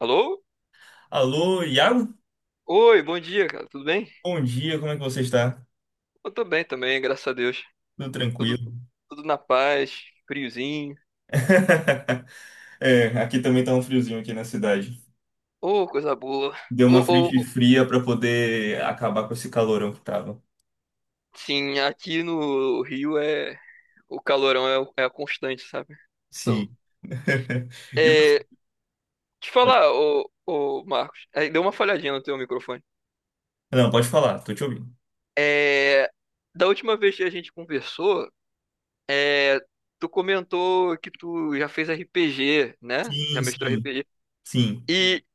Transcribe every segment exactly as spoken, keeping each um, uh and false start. Alô? Alô, Iago? Oi, bom dia, cara. Tudo bem? Bom dia, como é que você está? Eu tô bem também, graças a Deus. Tudo Tudo, tranquilo? tudo na paz, friozinho. É, aqui também tá um friozinho aqui na cidade. Ô, coisa boa. Deu Ô, uma ô, frente ô. fria para poder acabar com esse calorão que tava. Sim, aqui no Rio é o calorão é, o- é a constante, sabe? Então, Sim. E você? é, te falar, ô, ô, Marcos, aí deu uma falhadinha no teu microfone. Não, pode falar, tô te ouvindo. É, Da última vez que a gente conversou, é, tu comentou que tu já fez R P G, né? Já Sim, mestrou sim, R P G. sim. E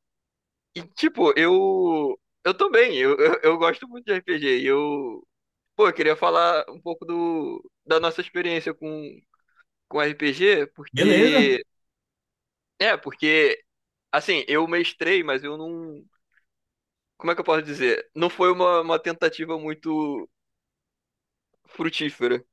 E, tipo, eu. Eu também, eu, eu, eu gosto muito de R P G. E eu. Pô, eu queria falar um pouco do, da nossa experiência com, com R P G, Beleza? porque. É, porque assim, eu mestrei, mas eu não. Como é que eu posso dizer? Não foi uma, uma tentativa muito frutífera,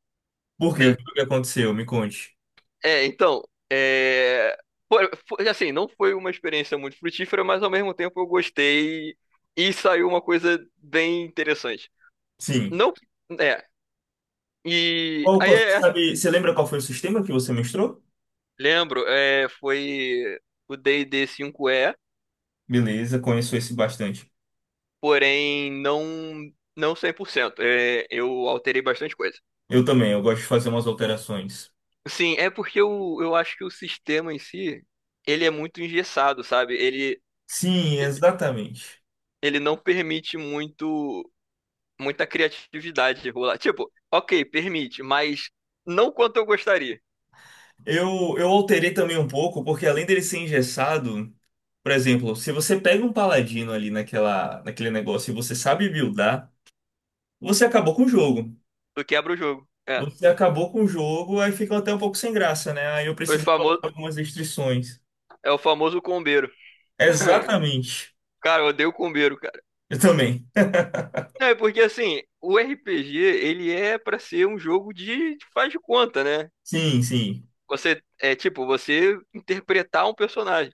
Por quê? né? O que aconteceu? Me conte. É, então. É. Foi, foi- assim, não foi uma experiência muito frutífera, mas ao mesmo tempo eu gostei e saiu uma coisa bem interessante. Sim. Não. É. E Qual, aí, qual- é, sabe, você lembra qual foi o sistema que você mestrou? Lembro, é, foi o d e D cinco e Beleza, conheço esse bastante. porém não não cem por cento. É, eu alterei bastante coisa. Eu também, eu gosto de fazer umas alterações. Sim, é porque eu, eu acho que o sistema em si, ele é muito engessado, sabe? Ele, Sim, exatamente. Ele não permite muito muita criatividade rolar. Tipo, ok, permite, mas não quanto eu gostaria. Eu, eu alterei também um pouco, porque além dele ser engessado, por exemplo, se você pega um paladino ali naquela, naquele negócio e você sabe buildar, você acabou com o jogo. Tu quebra o jogo. É, Você acabou com o jogo, aí fica até um pouco sem graça, né? Aí eu o precisei colocar famoso, algumas restrições. É o famoso combeiro. Exatamente. Cara, eu odeio combeiro. Eu também. Não, é porque assim, o R P G, ele é pra ser um jogo de de faz de conta, né? Sim, sim. Você é tipo, você interpretar um personagem.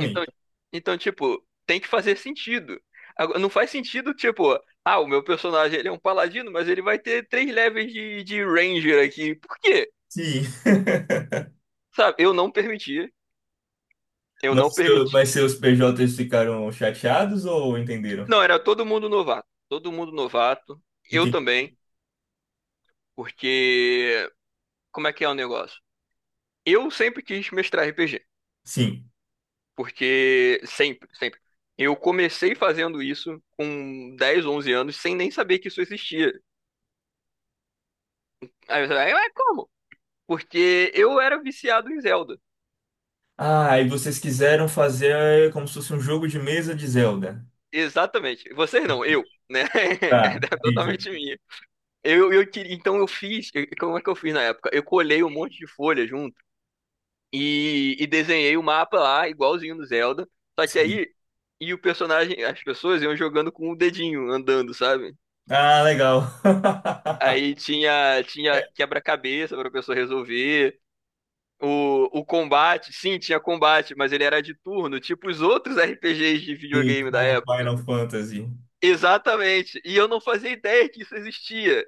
Então, então tipo, tem que fazer sentido. Agora, não faz sentido, tipo, ah, o meu personagem ele é um paladino, mas ele vai ter três levels de, de ranger aqui. Por quê? Sim. Sabe, eu não permitia, eu não Mas, seu- permiti. mas seus P Js ficaram chateados ou entenderam? Não, era todo mundo novato, todo mundo novato, eu Entendi. também, porque como é que é o negócio? Eu sempre quis mestrar R P G. Sim. Porque sempre, sempre. Eu comecei fazendo isso com dez onze anos, sem nem saber que isso existia. Aí você vai, mas como? Porque eu era viciado em Zelda. Ah, e vocês quiseram fazer como se fosse um jogo de mesa de Zelda. Exatamente. Vocês não, eu, né? Tá, É entendi. totalmente minha. Eu, eu queria, então eu fiz, eu- como é que eu fiz na época? Eu colhei um monte de folha junto e, e desenhei o mapa lá, igualzinho no Zelda. Só que Sim. aí, e o personagem, as pessoas iam jogando com o dedinho, andando, sabe? Ah, legal. Aí tinha, tinha quebra-cabeça pra pessoa resolver. O, o combate, sim, tinha combate, mas ele era de turno, tipo os outros R P Gs de Sim, videogame da com época. Final Fantasy. Exatamente. E eu não fazia ideia que isso existia.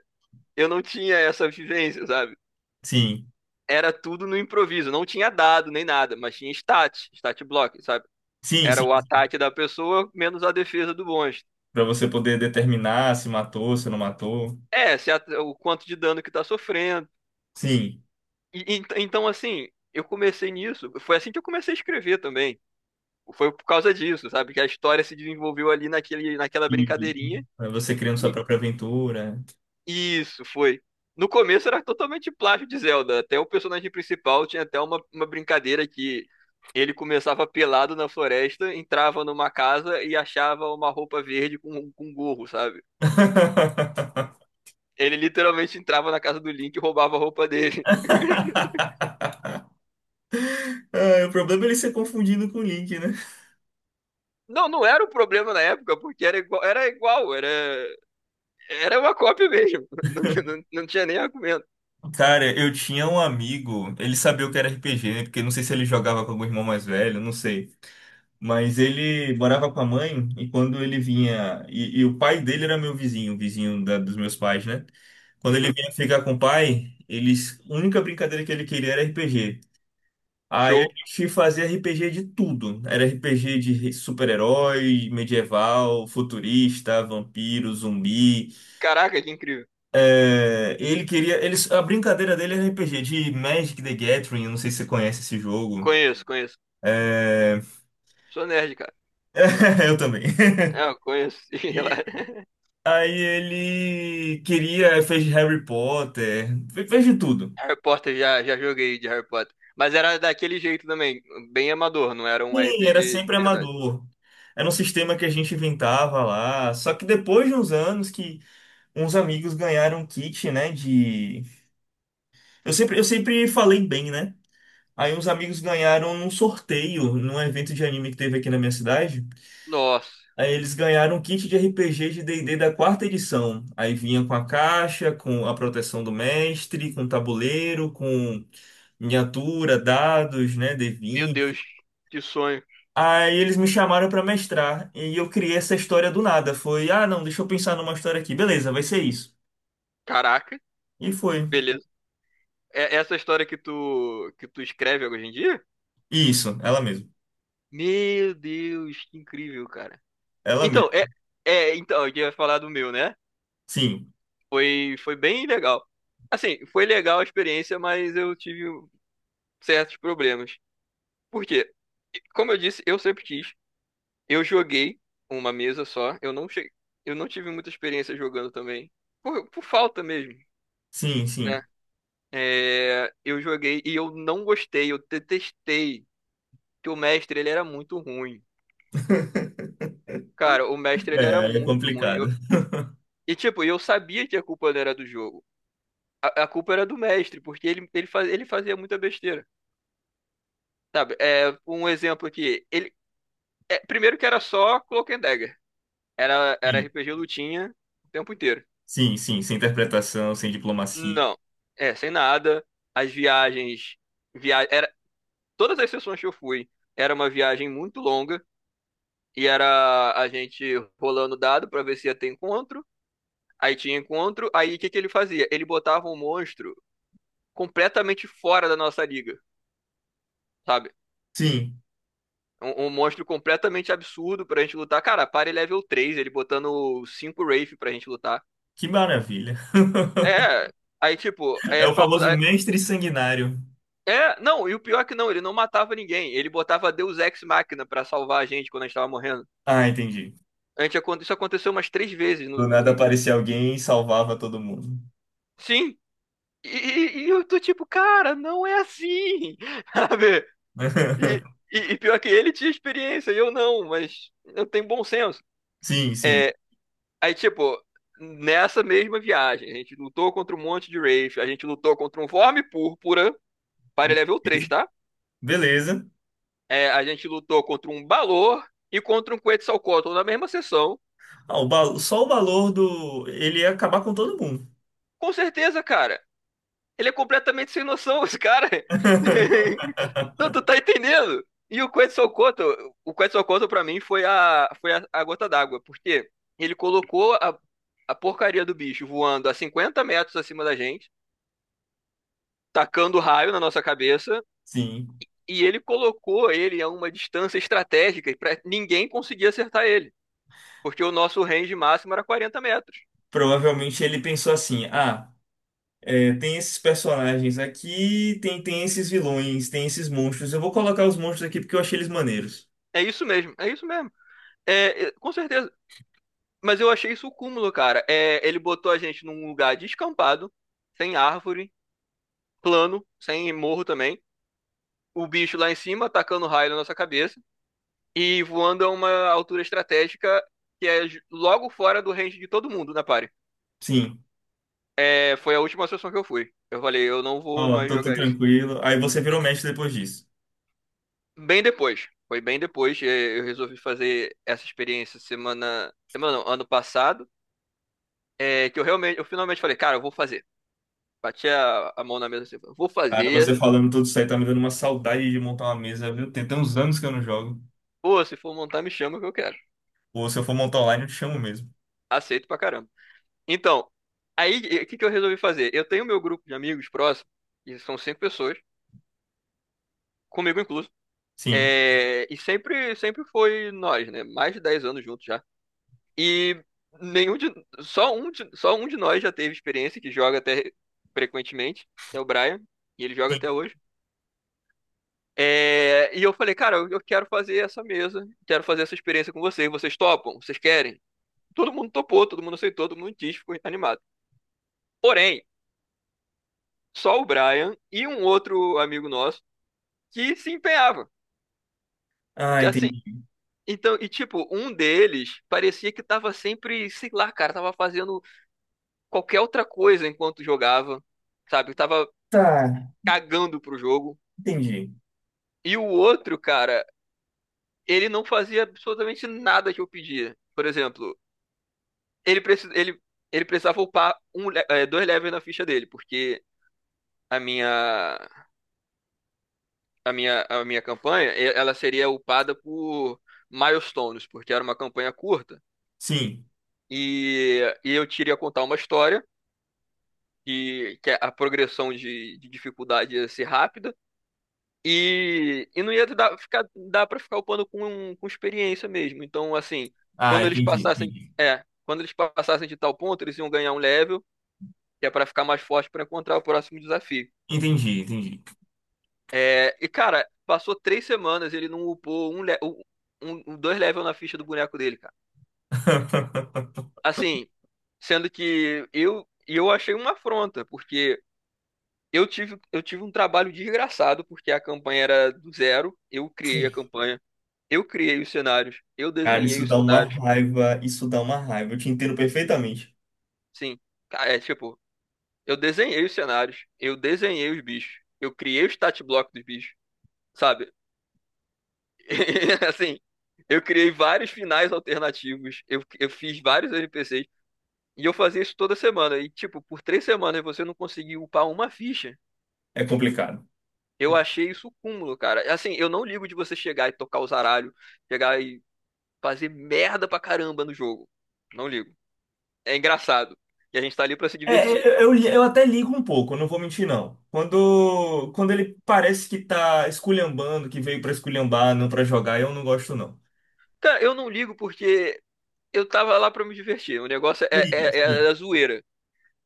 Eu não tinha essa vivência, sabe? Sim, Era tudo no improviso. Não tinha dado nem nada, mas tinha stat, stat block, sabe? sim, Era o sim. ataque da pessoa menos a defesa do monstro. Para você poder determinar se matou, se não matou. É, se a- O quanto de dano que tá sofrendo. Sim. E- ent- então, assim, eu comecei nisso. Foi assim que eu comecei a escrever também. Foi por causa disso, sabe? Que a história se desenvolveu ali naquele, naquela E brincadeirinha. pra você criando sua E própria aventura. e isso foi. No começo era totalmente plágio de Zelda. Até o personagem principal tinha até uma, uma brincadeira que ele começava pelado na floresta, entrava numa casa e achava uma roupa verde com, com um gorro, sabe? Ele literalmente entrava na casa do Link e roubava a roupa dele. Ah, o problema é ele ser confundido com o Link, né? Não, não era um problema na época, porque era igual, era igual, era, era uma cópia mesmo. Não, tinha- não, não tinha nem argumento. Cara, eu tinha um amigo, ele sabia o que era R P G, né? Porque não sei se ele jogava com algum irmão mais velho, não sei. Mas ele morava com a mãe e quando ele vinha. E, e o pai dele era meu vizinho, o vizinho da- dos meus pais, né? Quando ele Uhum, vinha ficar com o pai, eles, a única brincadeira que ele queria era R P G. Aí a show. gente fazia R P G de tudo. Era R P G de super-herói, medieval, futurista, vampiro, zumbi. Caraca, que incrível. É, ele queria. Eles, a brincadeira dele era R P G de Magic the Gathering, eu não sei se você conhece esse jogo. Conheço, conheço. É, Sou nerd, cara. eu também. É, eu conheço. sei lá. Aí ele queria, fez Harry Potter, fe- fez de tudo. Harry Potter, já, já joguei de Harry Potter. Mas era daquele jeito também, bem amador, não era um Sim, era R P G sempre de verdade. amador. Era um sistema que a gente inventava lá. Só que depois de uns anos que uns amigos ganharam um kit, né, de... Eu sempre, eu sempre falei bem, né? Aí uns amigos ganharam num sorteio, num evento de anime que teve aqui na minha cidade. Nossa, Aí eles ganharam um kit de R P G de D e D da quarta edição. Aí vinha com a caixa, com a proteção do mestre, com tabuleiro, com miniatura, dados, né, meu D vinte. Deus, que sonho. Aí eles me chamaram para mestrar e eu criei essa história do nada. Foi, ah, não, deixa eu pensar numa história aqui. Beleza, vai ser isso. Caraca, E foi. beleza. É essa história que tu que tu escreve hoje em dia? Isso, ela mesma. Meu Deus, que incrível, cara. Ela Então, mesma. é, é então, eu ia falar do meu, né? Sim, Foi foi bem legal. Assim, foi legal a experiência, mas eu tive certos problemas. Por quê? Como eu disse, eu sempre quis. Eu joguei uma mesa só. Eu não cheguei, eu não tive muita experiência jogando também. Por, por falta mesmo, sim, né? sim. É, eu joguei e eu não gostei, eu detestei. Que o mestre, ele era muito ruim. Cara, o mestre, ele era É, é muito ruim. complicado. Eu- e tipo, eu sabia que a culpa não era do jogo. A, a culpa era do mestre, porque ele, ele, faz, ele fazia muita besteira. Sabe? É, um exemplo aqui. Ele, é, primeiro que era só Cloak and Dagger. Era, era Sim, R P G lutinha o tempo inteiro. sim, sim, sem interpretação, sem diplomacia. Não, é, sem nada. As viagens, via... era... todas as sessões que eu fui, era uma viagem muito longa e era a gente rolando dado pra ver se ia ter encontro. Aí tinha encontro, aí o que que ele fazia? Ele botava um monstro completamente fora da nossa liga, sabe? Sim. Um, um monstro completamente absurdo pra gente lutar. Cara, pare level três, ele botando cinco Wraith pra gente lutar. Que maravilha. É, aí tipo, É é o papo. famoso mestre sanguinário. É, não, e o pior é que não, ele não matava ninguém. Ele botava Deus Ex Machina pra salvar a gente quando a gente tava morrendo. Ah, entendi. A gente, acon- isso aconteceu umas três vezes. Do No- nada em- aparecia alguém e salvava todo mundo. sim. E, e- e eu tô tipo, cara, não é assim. Sabe? E, e, e pior que ele tinha experiência, e eu não, mas eu tenho bom senso. Sim, sim. É, aí, tipo, nessa mesma viagem, a gente lutou contra um monte de Wraith, a gente lutou contra um Vorme Púrpura, para level Beleza. três, tá? Beleza. É, a gente lutou contra um Balor e contra um Quetzalcoatl na mesma sessão. Ah, o ba- Só o valor do. Ele ia acabar com todo mundo. Com certeza, cara. Ele é completamente sem noção, esse cara. Não, tu tá entendendo? E o Quetzalcoatl, o Quetzalcoatl pra mim foi a, foi a, a gota d'água, porque ele colocou a, a porcaria do bicho voando a cinquenta metros acima da gente, tacando raio na nossa cabeça, Sim. e ele colocou ele a uma distância estratégica pra ninguém conseguir acertar ele, porque o nosso range máximo era quarenta metros. Provavelmente ele pensou assim: ah, é, tem esses personagens aqui, tem, tem esses vilões, tem esses monstros. Eu vou colocar os monstros aqui porque eu achei eles maneiros. É isso mesmo, é isso mesmo. É, é, com certeza. Mas eu achei isso o cúmulo, cara. É, ele botou a gente num lugar descampado, sem árvore, plano, sem morro também. O bicho lá em cima atacando raio na nossa cabeça e voando a uma altura estratégica que é ju- logo fora do range de todo mundo na party. Sim. É, foi a última sessão que eu fui. Eu falei, eu não vou Ó, mais tô, tô jogar isso. tranquilo. Aí você virou mestre depois disso. Bem depois. Foi bem depois. é, Eu resolvi fazer essa experiência semana. Semana não, ano passado. É, que eu realmente, eu finalmente falei, cara, eu vou fazer. Bati a, a mão na mesa assim, vou Cara, você fazer. falando tudo isso aí tá me dando uma saudade de montar uma mesa, viu? Tem até uns anos que eu não jogo. Pô, se for montar, me chama que eu quero. Ou se eu for montar online, eu te chamo mesmo. Aceito pra caramba. Então, aí o que que eu resolvi fazer? Eu tenho meu grupo de amigos próximos, e são cinco pessoas, comigo incluso. Sim. É, e sempre, sempre foi nós, né? Mais de dez anos juntos já. E nenhum de, Só um de, só um de nós já teve experiência, que joga até frequentemente, é o Brian, e ele joga Sim. até hoje. É, e eu falei, cara, eu eu quero fazer essa mesa, quero fazer essa experiência com vocês. Vocês topam? Vocês querem? Todo mundo topou, todo mundo aceitou, todo mundo quis, ficou animado. Porém, só o Brian e um outro amigo nosso que se empenhava. Ah, Que assim, entendi. então, e tipo, um deles parecia que tava sempre, sei lá, cara, tava fazendo qualquer outra coisa enquanto jogava, sabe? Tava Tá, cagando pro jogo. entendi. E o outro, cara, ele não fazia absolutamente nada que eu pedia. Por exemplo, ele, preci ele, ele precisava upar um, le- eh, dois levels na ficha dele, porque a minha a minha, a minha campanha, e- ela seria upada por milestones, porque era uma campanha curta. Sim. E, e eu queria contar uma história, que, que a progressão de, de dificuldade ia ser rápida. E, e não ia dar, ficar, dar para ficar upando com, com experiência mesmo. Então, assim, Ah, quando eles entendi, passassem. entendi. É, quando eles passassem de tal ponto, eles iam ganhar um level, que é para ficar mais forte para encontrar o próximo desafio. Entendi, entendi. É, e cara, passou três semanas e ele não upou um, le- um, um- um, dois levels na ficha do boneco dele, cara. Assim, sendo que eu e eu achei uma afronta, porque eu tive, eu tive um trabalho desgraçado, porque a campanha era do zero, eu criei a campanha, eu criei os cenários, eu Cara, desenhei isso os dá uma cenários. raiva, isso dá uma raiva. Eu te entendo perfeitamente. Sim, ca- é tipo, eu desenhei os cenários, eu desenhei os bichos, eu criei o stat block dos bichos, sabe? Assim, eu criei vários finais alternativos, eu, eu fiz vários N P Cs, e eu fazia isso toda semana. E, tipo, por três semanas você não conseguiu upar uma ficha. É complicado. Eu achei isso cúmulo, cara. Assim, eu não ligo de você chegar e tocar o zaralho, chegar e fazer merda pra caramba no jogo. Não ligo. É engraçado. E a gente tá ali pra se É, divertir. eu, eu, eu até ligo um pouco, não vou mentir, não. Quando, quando ele parece que tá esculhambando, que veio pra esculhambar, não pra jogar, eu não gosto, não. Cara, eu não ligo porque eu tava lá pra me divertir. O negócio é, Sim, é, é sim. a zoeira,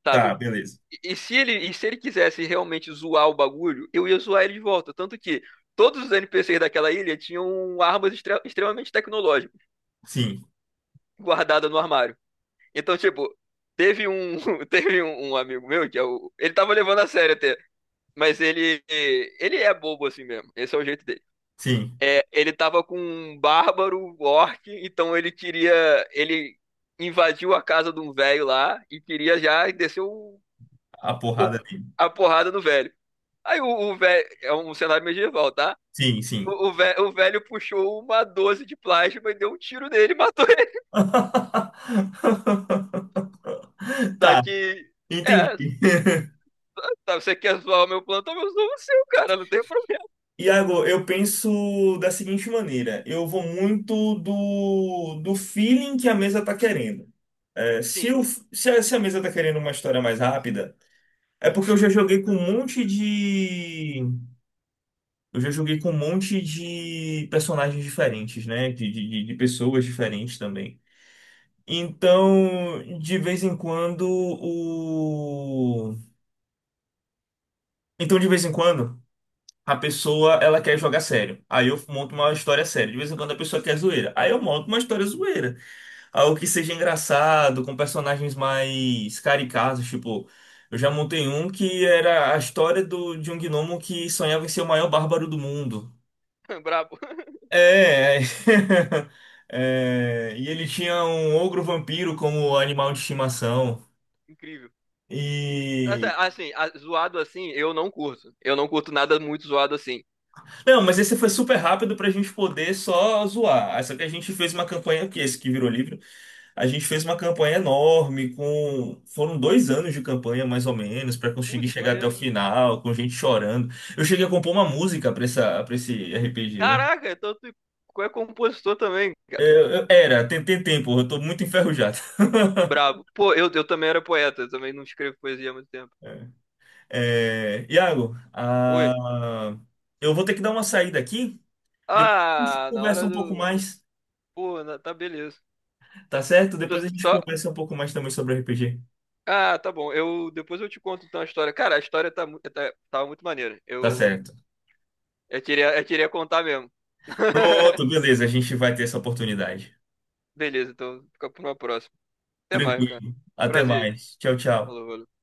sabe? Tá, beleza. E se ele, e se ele quisesse realmente zoar o bagulho, eu ia zoar ele de volta. Tanto que todos os N P Cs daquela ilha tinham armas extre- extremamente tecnológicas Sim, guardadas no armário. Então, tipo, teve um, teve um, um amigo meu que é o, ele tava levando a sério até, mas ele, ele é bobo assim mesmo. Esse é o jeito dele. sim. É, ele tava com um bárbaro orc, então ele queria, ele invadiu a casa de um velho lá e queria já descer o, A o- porrada dele. a porrada no velho. Aí o, o velho. É um cenário medieval, tá? Sim, sim. O, o, ve- o velho puxou uma doze de plasma e deu um tiro nele e matou ele. Só Tá, que. É, entendi. tá, você quer zoar o meu plano, então eu zoo o seu, cara. Não tem problema. Iago, eu penso da seguinte maneira: eu vou muito do, do feeling que a mesa tá querendo. É, se, Sim, o, se, a, se a mesa tá querendo uma história mais rápida, é porque eu já joguei com um monte de. Eu já joguei com um monte de personagens diferentes, né? De, de, de de pessoas diferentes também. Então, de vez em quando o Então, de vez em quando a pessoa ela quer jogar sério. Aí eu monto uma história séria. De vez em quando a pessoa quer zoeira. Aí eu monto uma história zoeira, algo que seja engraçado, com personagens mais caricatos, tipo, eu já montei um que era a história do... de um gnomo que sonhava em ser o maior bárbaro do mundo. brabo. É, é, e ele tinha um ogro vampiro como animal de estimação. Incrível. Mas, é, E, Assim, a- zoado assim, eu não curto. Eu não curto nada muito zoado assim. não, mas esse foi super rápido pra gente poder só zoar. Ah, Só que a gente fez uma campanha, que esse que virou livro, a gente fez uma campanha enorme, com. Foram dois anos de campanha, mais ou menos, pra conseguir Putz, chegar até o maneiro. final, com gente chorando. Eu cheguei a compor uma música pra essa, pra esse R P G. Caraca, então tu tu é compositor também, cara. Eu- eu- era, tem, tem tempo, eu tô muito enferrujado. Brabo. Pô, eu, eu também era poeta, eu também não escrevo poesia há muito tempo. É, é, Iago, Oi. ah, eu vou ter que dar uma saída aqui. Depois a gente Ah, na conversa hora um pouco do. mais, Pô, na- tá beleza. tá certo? Tô Depois a gente só. conversa um pouco mais também sobre R P G. Ah, tá bom. Eu depois eu te conto então a história. Cara, a história tá, mu- tá tava muito maneira. Tá Eu certo. Eu queria eu queria contar mesmo. Pronto, beleza. A gente vai ter essa oportunidade. Beleza, então fica pra uma próxima. Até mais, cara. Tranquilo. Até Prazer. mais. Tchau, tchau. Falou, valeu.